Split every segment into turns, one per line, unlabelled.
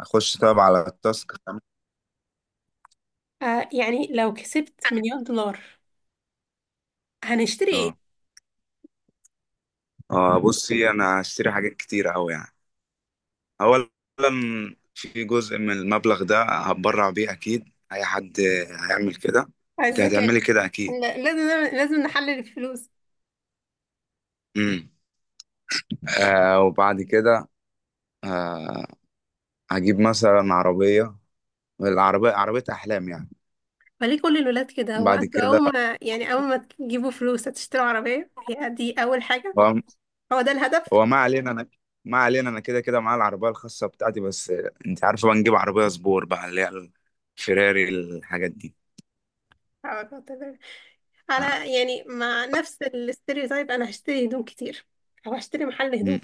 اخش طب على التاسك.
آه، يعني لو كسبت مليون دولار هنشتري ايه؟
اه اه، بصي، انا هشتري حاجات كتير اوي يعني. اولا، في جزء من المبلغ ده هتبرع بيه، اكيد اي حد هيعمل كده.
على
انت
الذكاء.
هتعملي كده اكيد.
لازم نحلل الفلوس.
امم. وبعد كده، آه، هجيب مثلا عربية. العربية عربية احلام يعني.
فليه كل الولاد كده؟ هو
بعد
انتوا
كده،
اول ما اول ما تجيبوا فلوس هتشتروا عربية؟ هي دي اول حاجة؟
هو
هو ده الهدف؟
ما علينا، انا ما علينا، انا كده كده معايا العربية الخاصة بتاعتي بس. انت عارفة بقى، نجيب عربية سبور بقى، اللي هي الفيراري، الحاجات دي.
هو ده الهدف.
آه.
على، يعني مع نفس الاستيريوتايب، انا هشتري هدوم كتير او هشتري محل هدوم.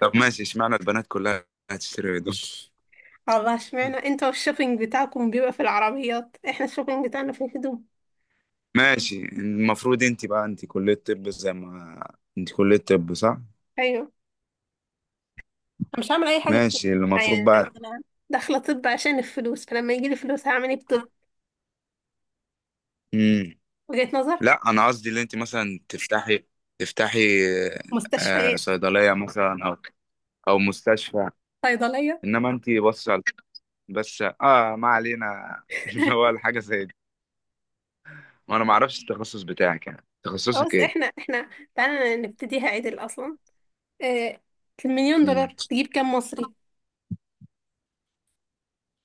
طب ماشي، اشمعنى البنات كلها هتشتري هدوم؟
الله، اشمعنى انتوا الشوبينج بتاعكم بيبقى في العربيات، احنا الشوبينج بتاعنا في الهدوم؟
ماشي، المفروض انت كلية طب، زي ما انت كلية طب صح؟
ايوه. انا مش هعمل اي حاجه في طب.
ماشي،
يعني
المفروض
انا
بقى.
أنا داخله طب عشان الفلوس، فلما يجي لي فلوس هعمل ايه في طب؟
مم.
وجهه نظر.
لا، انا قصدي اللي انت مثلا تفتحي، آه،
مستشفيات.
صيدلية مثلا، او او مستشفى.
صيدليه.
انما انت بس، بس ما علينا. اللي هو الحاجة زي دي. وانا ما اعرفش التخصص بتاعك، يعني تخصصك
خلاص.
ايه؟
احنا تعالى نبتديها عدل اصلا. آه، المليون
مم.
دولار تجيب كام مصري؟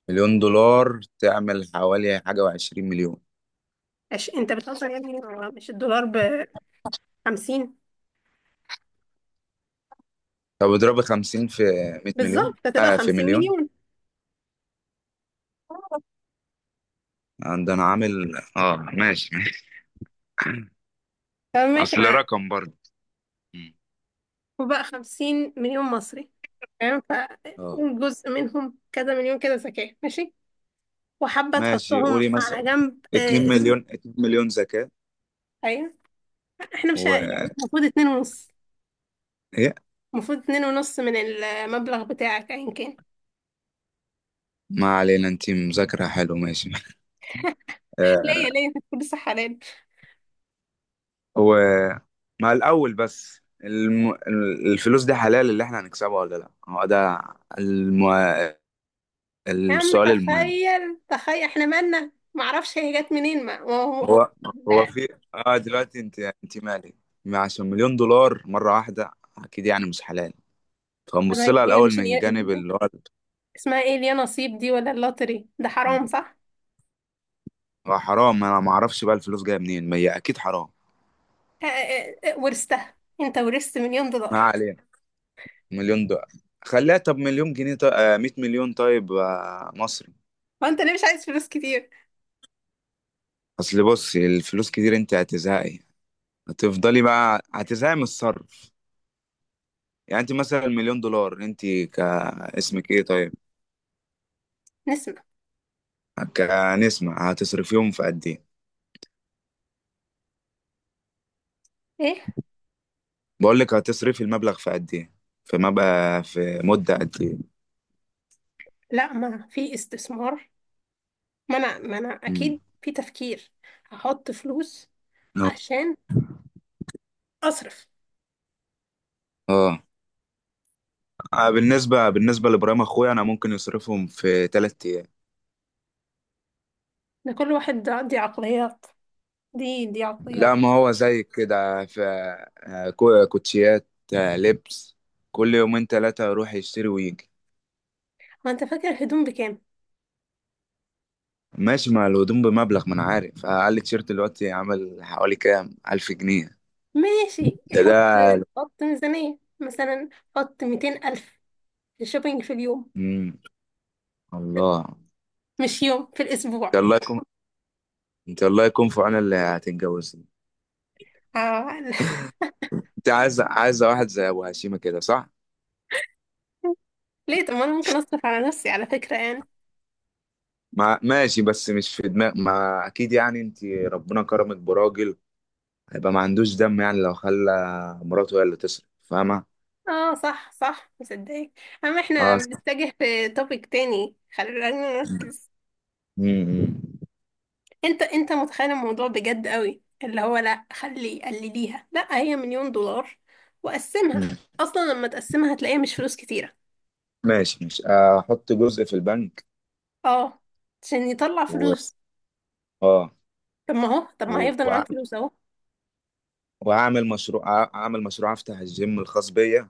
مليون دولار تعمل حوالي حاجة وعشرين مليون.
انت بتهزر يا ابني، هو مش الدولار ب 50؟
طب اضربي 50 في 100 مليون.
بالظبط، هتبقى
في
50
مليون
مليون.
عندنا، عامل ماشي ماشي.
فماشي.
اصل
ما
رقم برضه. مم.
وبقى 50 مليون مصري، تمام.
اه
فجزء منهم كذا مليون كده زكاة، ماشي، وحابة
ماشي،
تحطهم
قولي مثلا
على جنب،
2
آه.
مليون، 2 مليون زكاة.
ايوه، احنا مش ه-
و
يعني المفروض 2.5.
ايه؟
المفروض اتنين ونص من المبلغ بتاعك ايا كان.
ما علينا، انت مذاكرة حلو ماشي.
ليه
آه.
ليه انت بتقول لسه حلال؟
هو مع الاول بس، الفلوس دي حلال اللي احنا هنكسبها ولا لا؟ هو ده الم...
يا عم
السؤال المهم.
تخيل، احنا مالنا، معرفش هي جت منين. ما ما هو
هو هو
لا.
في، اه دلوقتي انت مالي؟ عشان مليون دولار مرة واحدة اكيد يعني مش حلال.
طب
فنبص
هي
لها
هي
الاول
مش
من جانب اللي هو،
اسمها ايه، اليا نصيب دي ولا اللوتري ده حرام، صح؟
هو حرام، انا ما اعرفش بقى الفلوس جايه منين، ما هي اكيد حرام.
اه، ورثتها، انت ورثت مليون
ما
دولار.
علينا. مليون دولار، خليها طب مليون جنيه، طيب 100 مليون طيب، مصري.
وانت ليه مش عايز فلوس كتير؟
اصل بصي، الفلوس كتير انت هتزهقي، هتفضلي بقى هتزهقي من الصرف. يعني انت مثلا مليون دولار، انت كاسمك ايه طيب؟
نسمع
كنسمة، هتصرفيهم في قد ايه؟
ايه؟
بقول لك، هتصرفي المبلغ في قد ايه؟ في مدة قد ايه؟
لا، ما في استثمار. ما انا
مم.
اكيد في تفكير. هحط فلوس عشان اصرف.
اه. بالنسبة لإبراهيم أخويا، أنا ممكن يصرفهم في تلات أيام.
ده كل واحد ده، دي دي
لا،
عقليات.
ما هو زي كده في، كوتشيات، آه، لبس. كل يومين تلاتة يروح يشتري ويجي.
ما انت فاكر الهدوم بكام؟
ماشي، مع الهدوم بمبلغ، ما أنا عارف، أقل تيشيرت دلوقتي عامل حوالي كام ألف جنيه.
ماشي،
ده ده
حط ميزانية مثلا، حط 200 ألف شوبينج في اليوم،
مم. الله.
مش يوم في
أنت
الأسبوع.
الله يكون أنت الله يكون في عون اللي هتتجوزني.
آه.
أنت عايزة واحد زي أبو هشيمة كده صح؟
ليه؟ طب ما أنا ممكن أصرف على نفسي على فكرة يعني.
ما ماشي، بس مش في دماغ، ما أكيد يعني أنت ربنا كرمك براجل، هيبقى ما عندوش دم يعني، لو خلى مراته هي اللي تصرف، فاهمة؟
اه صح، صح، مصدقك. أما
اه
احنا
س-
بنتجه في توبيك تاني، خلينا نركز.
مم، مم،
انت متخيل الموضوع بجد قوي، اللي هو لا خلي قلليها، لا هي مليون دولار وقسمها.
مم.
اصلا لما تقسمها هتلاقيها مش فلوس كتيره.
ماشي ماشي، احط جزء في البنك،
اه، عشان يطلع
و
فلوس.
اه،
طب ما
و-
هيفضل
وأع-
معاك فلوس اهو.
اعمل مشروع، افتح الجيم الخاص بيا،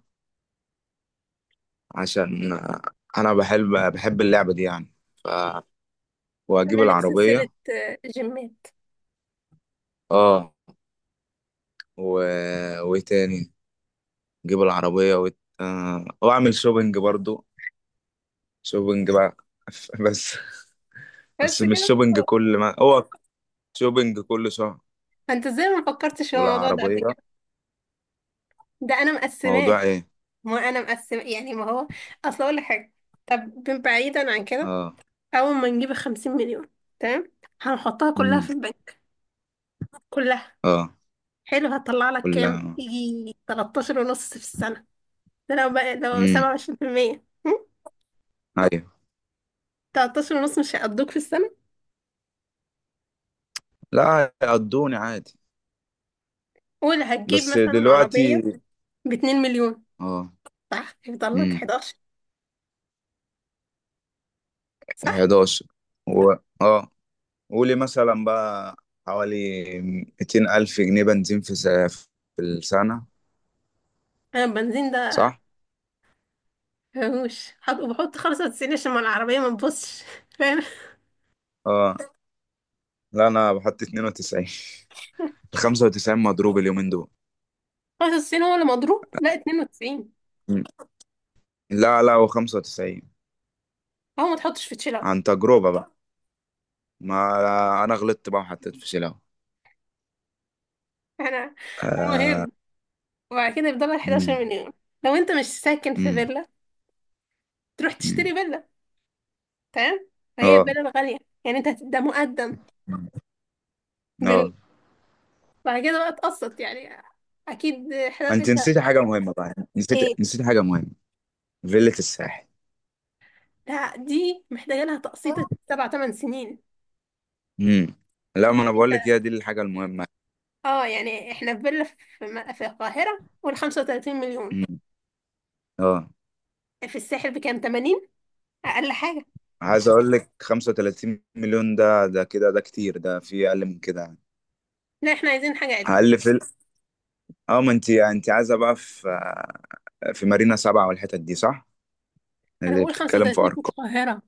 عشان آه، انا بحب اللعبة دي يعني. ف... واجيب
تعمل لك
العربية،
سلسله، آه، جيمات.
اه، و... وايه تاني؟ اجيب العربية واعمل شوبينج برضو. شوبينج بقى. بس.
بس
بس مش
كده،
شوبينج
اه.
كل ما هو، شوبينج كل شهر.
انت ازاي ما فكرتش في الموضوع ده قبل
والعربية.
كده؟ ده انا
موضوع
مقسماه.
ايه؟
ما انا مقسمه يعني ما هو. اصل اقول لك حاجه، طب بعيدا عن كده،
اه.
اول ما نجيب 50 مليون، تمام، هنحطها كلها
امم.
في البنك، كلها.
اه،
حلو، هتطلع لك كام،
كلها.
يجي 13 ونص في السنة. ده لو بقى لو
امم.
27%. هم؟
ايوه.
13 ونص مش هيقضوك في السنة؟
لا، هيقضوني عادي.
ولا هتجيب
بس
مثلا عربية
دلوقتي.
ب 2 مليون،
اه.
صح، هيفضل لك
امم.
11، صح.
11. و... اه، قولي مثلا بقى حوالي 200 ألف جنيه بنزين في السنة.
انا البنزين ده
صح؟
مفهوش بحط 95 عشان ما العربية ما تبصش. فاهم.
اه، لا انا بحط 92، 95 مضروب اليومين دول.
95 هو اللي مضروب، لا 92.
مم. لا لا، هو 95.
هو ما تحطش في تشيل اوت.
عن تجربة بقى، ما انا غلطت بقى وحطيت في شيلة.
انا
آه.
المهم، وبعد كده يفضل لك 11
مم.
مليون. لو انت مش ساكن في
مم.
فيلا تروح
مم.
تشتري فيلا، تمام. فهي
اه.
بلد غالية، يعني ده مقدم
مم.
بال...
اه،
بعد كده بقى تقسط يعني، اكيد
انت
انت
نسيتي حاجه مهمه بقى،
ايه.
نسيت حاجه مهمه، فيلة الساحل.
لا دي محتاجة لها تقسيط 7 8 سنين.
امم. لا، ما
يعني
انا
انت،
بقول لك، هي دي الحاجه المهمه.
اه، يعني احنا في فيلا في، في القاهرة قول 35 مليون،
مم. اه،
في الساحل بكام، 80 اقل حاجة.
عايز اقول لك 35 مليون ده، ده كده ده كتير، ده في اقل من كده.
لا احنا عايزين حاجة عدل.
اقل في ال- اه، ما انت عايزه بقى في، في مارينا سبعة والحتت دي صح؟
انا
اللي
بقول
بتتكلم في
35 في
ارقام.
القاهرة.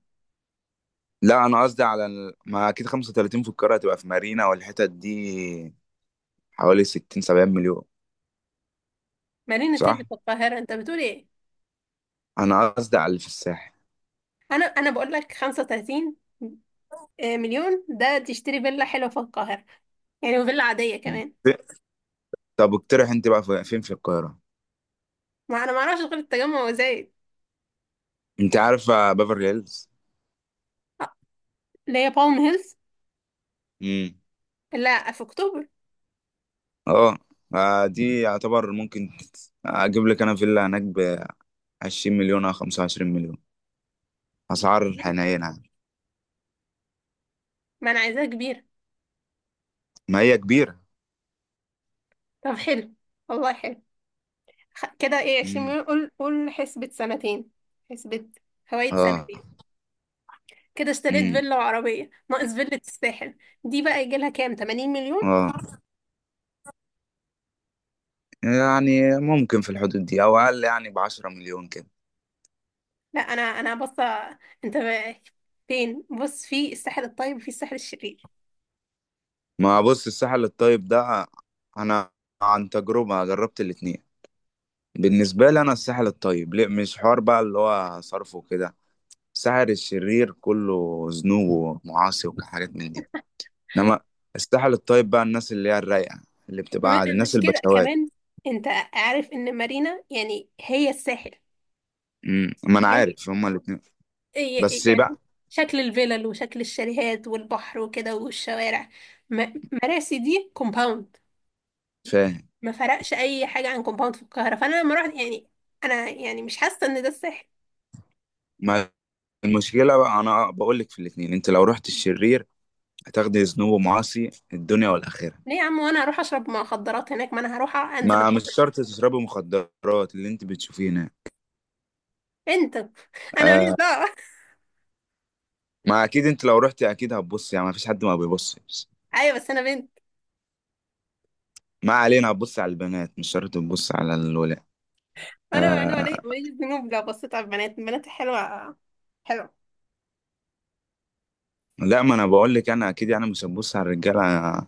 لا، انا قصدي على ما اكيد 35 في القاهره هتبقى في مارينا والحتت دي حوالي 60، 70 مليون.
مارينا تيلي
صح،
في القاهرة؟ انت بتقول ايه؟
انا قصدي على اللي في الساحل.
انا بقول لك 35 مليون ده تشتري فيلا حلوة في القاهرة، يعني وفيلا عادية كمان.
طب اقترح انت بقى فين في القاهرة؟
ما انا ما اعرفش غير التجمع وزايد.
انت عارفة بافرلي هيلز؟
آه، اللي هي بالم هيلز.
امم.
لا في اكتوبر.
اه. آه، دي يعتبر ممكن، اجيب لك انا فيلا هناك ب 20 مليون او 25 مليون، اسعار
كبيرة،
حنينة يعني.
ما انا عايزاها كبيرة.
ما هي كبيرة.
طب حلو، والله حلو. كده ايه، 20
امم.
مليون، قول قول حسبة سنتين، حسبة فوائد
اه.
سنتين. كده اشتريت
امم.
فيلا وعربية، ناقص فيلة الساحل. دي بقى يجي لها كام، 80 مليون.
اه، يعني ممكن في الحدود دي او اقل، يعني ب 10 مليون كده.
لا انا بص، انت بقى فين، بص في الساحل الطيب وفي الساحل الشرير.
ما بص، الساحل الطيب ده، انا عن تجربة جربت الاتنين، بالنسبة لي انا، الساحل الطيب ليه مش حوار بقى، اللي هو صرفه كده. سحر الشرير كله ذنوب ومعاصي وحاجات من دي. انما السحر الطيب بقى، الناس اللي هي الرايقه، اللي بتبقى عادي، الناس
مش كده
البشوات.
كمان، انت عارف ان مارينا يعني هي الساحل؟
امم، ما انا
فاهم؟
عارف هما الاثنين. بس
يعني
بقى،
شكل الفلل وشكل الشاليهات والبحر وكده والشوارع. مراسي دي كومباوند،
فاهم،
ما فرقش اي حاجه عن كومباوند في القاهره. فانا لما رحت، يعني انا يعني مش حاسه ان ده الساحل.
ما المشكله بقى، انا بقول لك في الاثنين، انت لو رحت الشرير هتاخدي ذنوب ومعاصي الدنيا والاخره.
ليه يا عم؟ وانا هروح اشرب مخدرات هناك؟ ما انا هروح انزل
ما مش
البحر.
شرط تشربي مخدرات، اللي انت بتشوفيه هنا.
بنت. انا ماليش
آه.
دعوه.
ما اكيد انت لو رحتي اكيد هتبصي، يعني ما فيش حد ما بيبصش.
ايوه، بس انا بنت.
ما علينا، هتبص على البنات، مش شرط تبص على الولاد.
انا
آه.
ماليش ذنوب لو بصيت على البنات، البنات حلوه، حلوه.
لا، ما انا بقول لك، انا اكيد يعني مش هبص على الرجاله.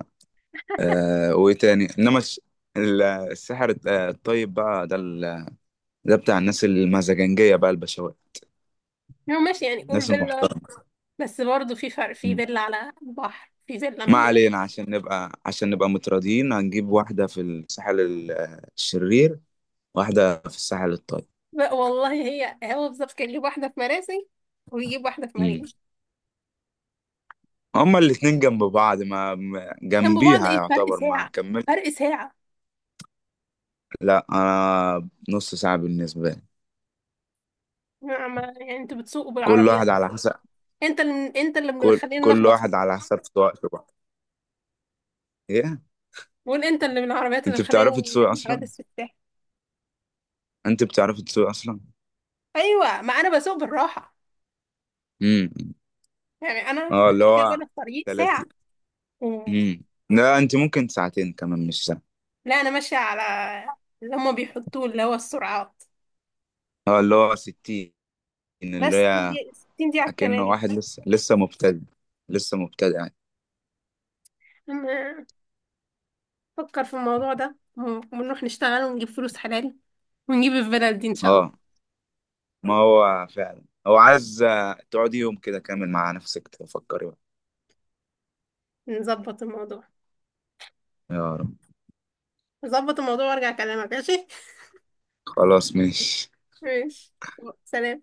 آه، وايه تاني؟ انما الس- ال- السحر الط- آه، الطيب بقى ده ده بتاع الناس المزاجنجيه بقى، البشوات،
يعني ماشي، يعني قول
الناس
فيلا.
المحترمه.
بس برضه في فرق، في
مم.
فيلا على البحر، في فيلا
ما
من.
علينا، عشان نبقى، عشان نبقى متراضيين، هنجيب واحده في الساحل الشرير، واحده في الساحل الطيب.
بقى والله، هي هو بالظبط كان يجيب واحدة في مراسي، ويجيب واحدة في
مم.
مريم.
هما الاتنين جنب بعض،
جنب بعض
جنبيها
ايه، فرق
يعتبر، ما
ساعة،
كملت.
فرق ساعة.
لا، انا نص ساعه بالنسبه لي.
يعني انتوا بتسوقوا
كل
بالعربيات.
واحد على حسب،
انت اللي مخلينا
كل
نخبط في
واحد
الساحل.
على حسب وقته بقى. ايه؟
وانت اللي من العربيات اللي
انت
مخلينا
بتعرفي تسوقي
نعمل
اصلا؟
حوادث في الساحل.
انت بتعرفي تسوقي اصلا؟
ايوه، ما انا بسوق بالراحة.
امم.
يعني انا
اه، اللي
عشان كده بقول
هو
لك طريق ساعة.
30.
مم.
امم. لا، انت ممكن ساعتين كمان، مش ساعة.
لا انا ماشية على اللي هما بيحطوه، اللي هو السرعات.
اه، اللي هو 60،
بس
اللي
60
هي،
دقيقة، 60 دقيقة على
اكنه
الكباري.
واحد لسه مبتدئ، لسه مبتدئ يعني.
أما فكر في الموضوع ده، ونروح نشتغل ونجيب فلوس حلال ونجيب الفيلا دي ان شاء
اه،
الله.
ما هو فعلا، هو عايز آه، تقعدي يوم كده كامل مع نفسك، تفكري بقى.
نظبط الموضوع،
يا رب.
نظبط الموضوع وارجع اكلمك، ماشي.
خلاص ماشي.
ماشي. سلام.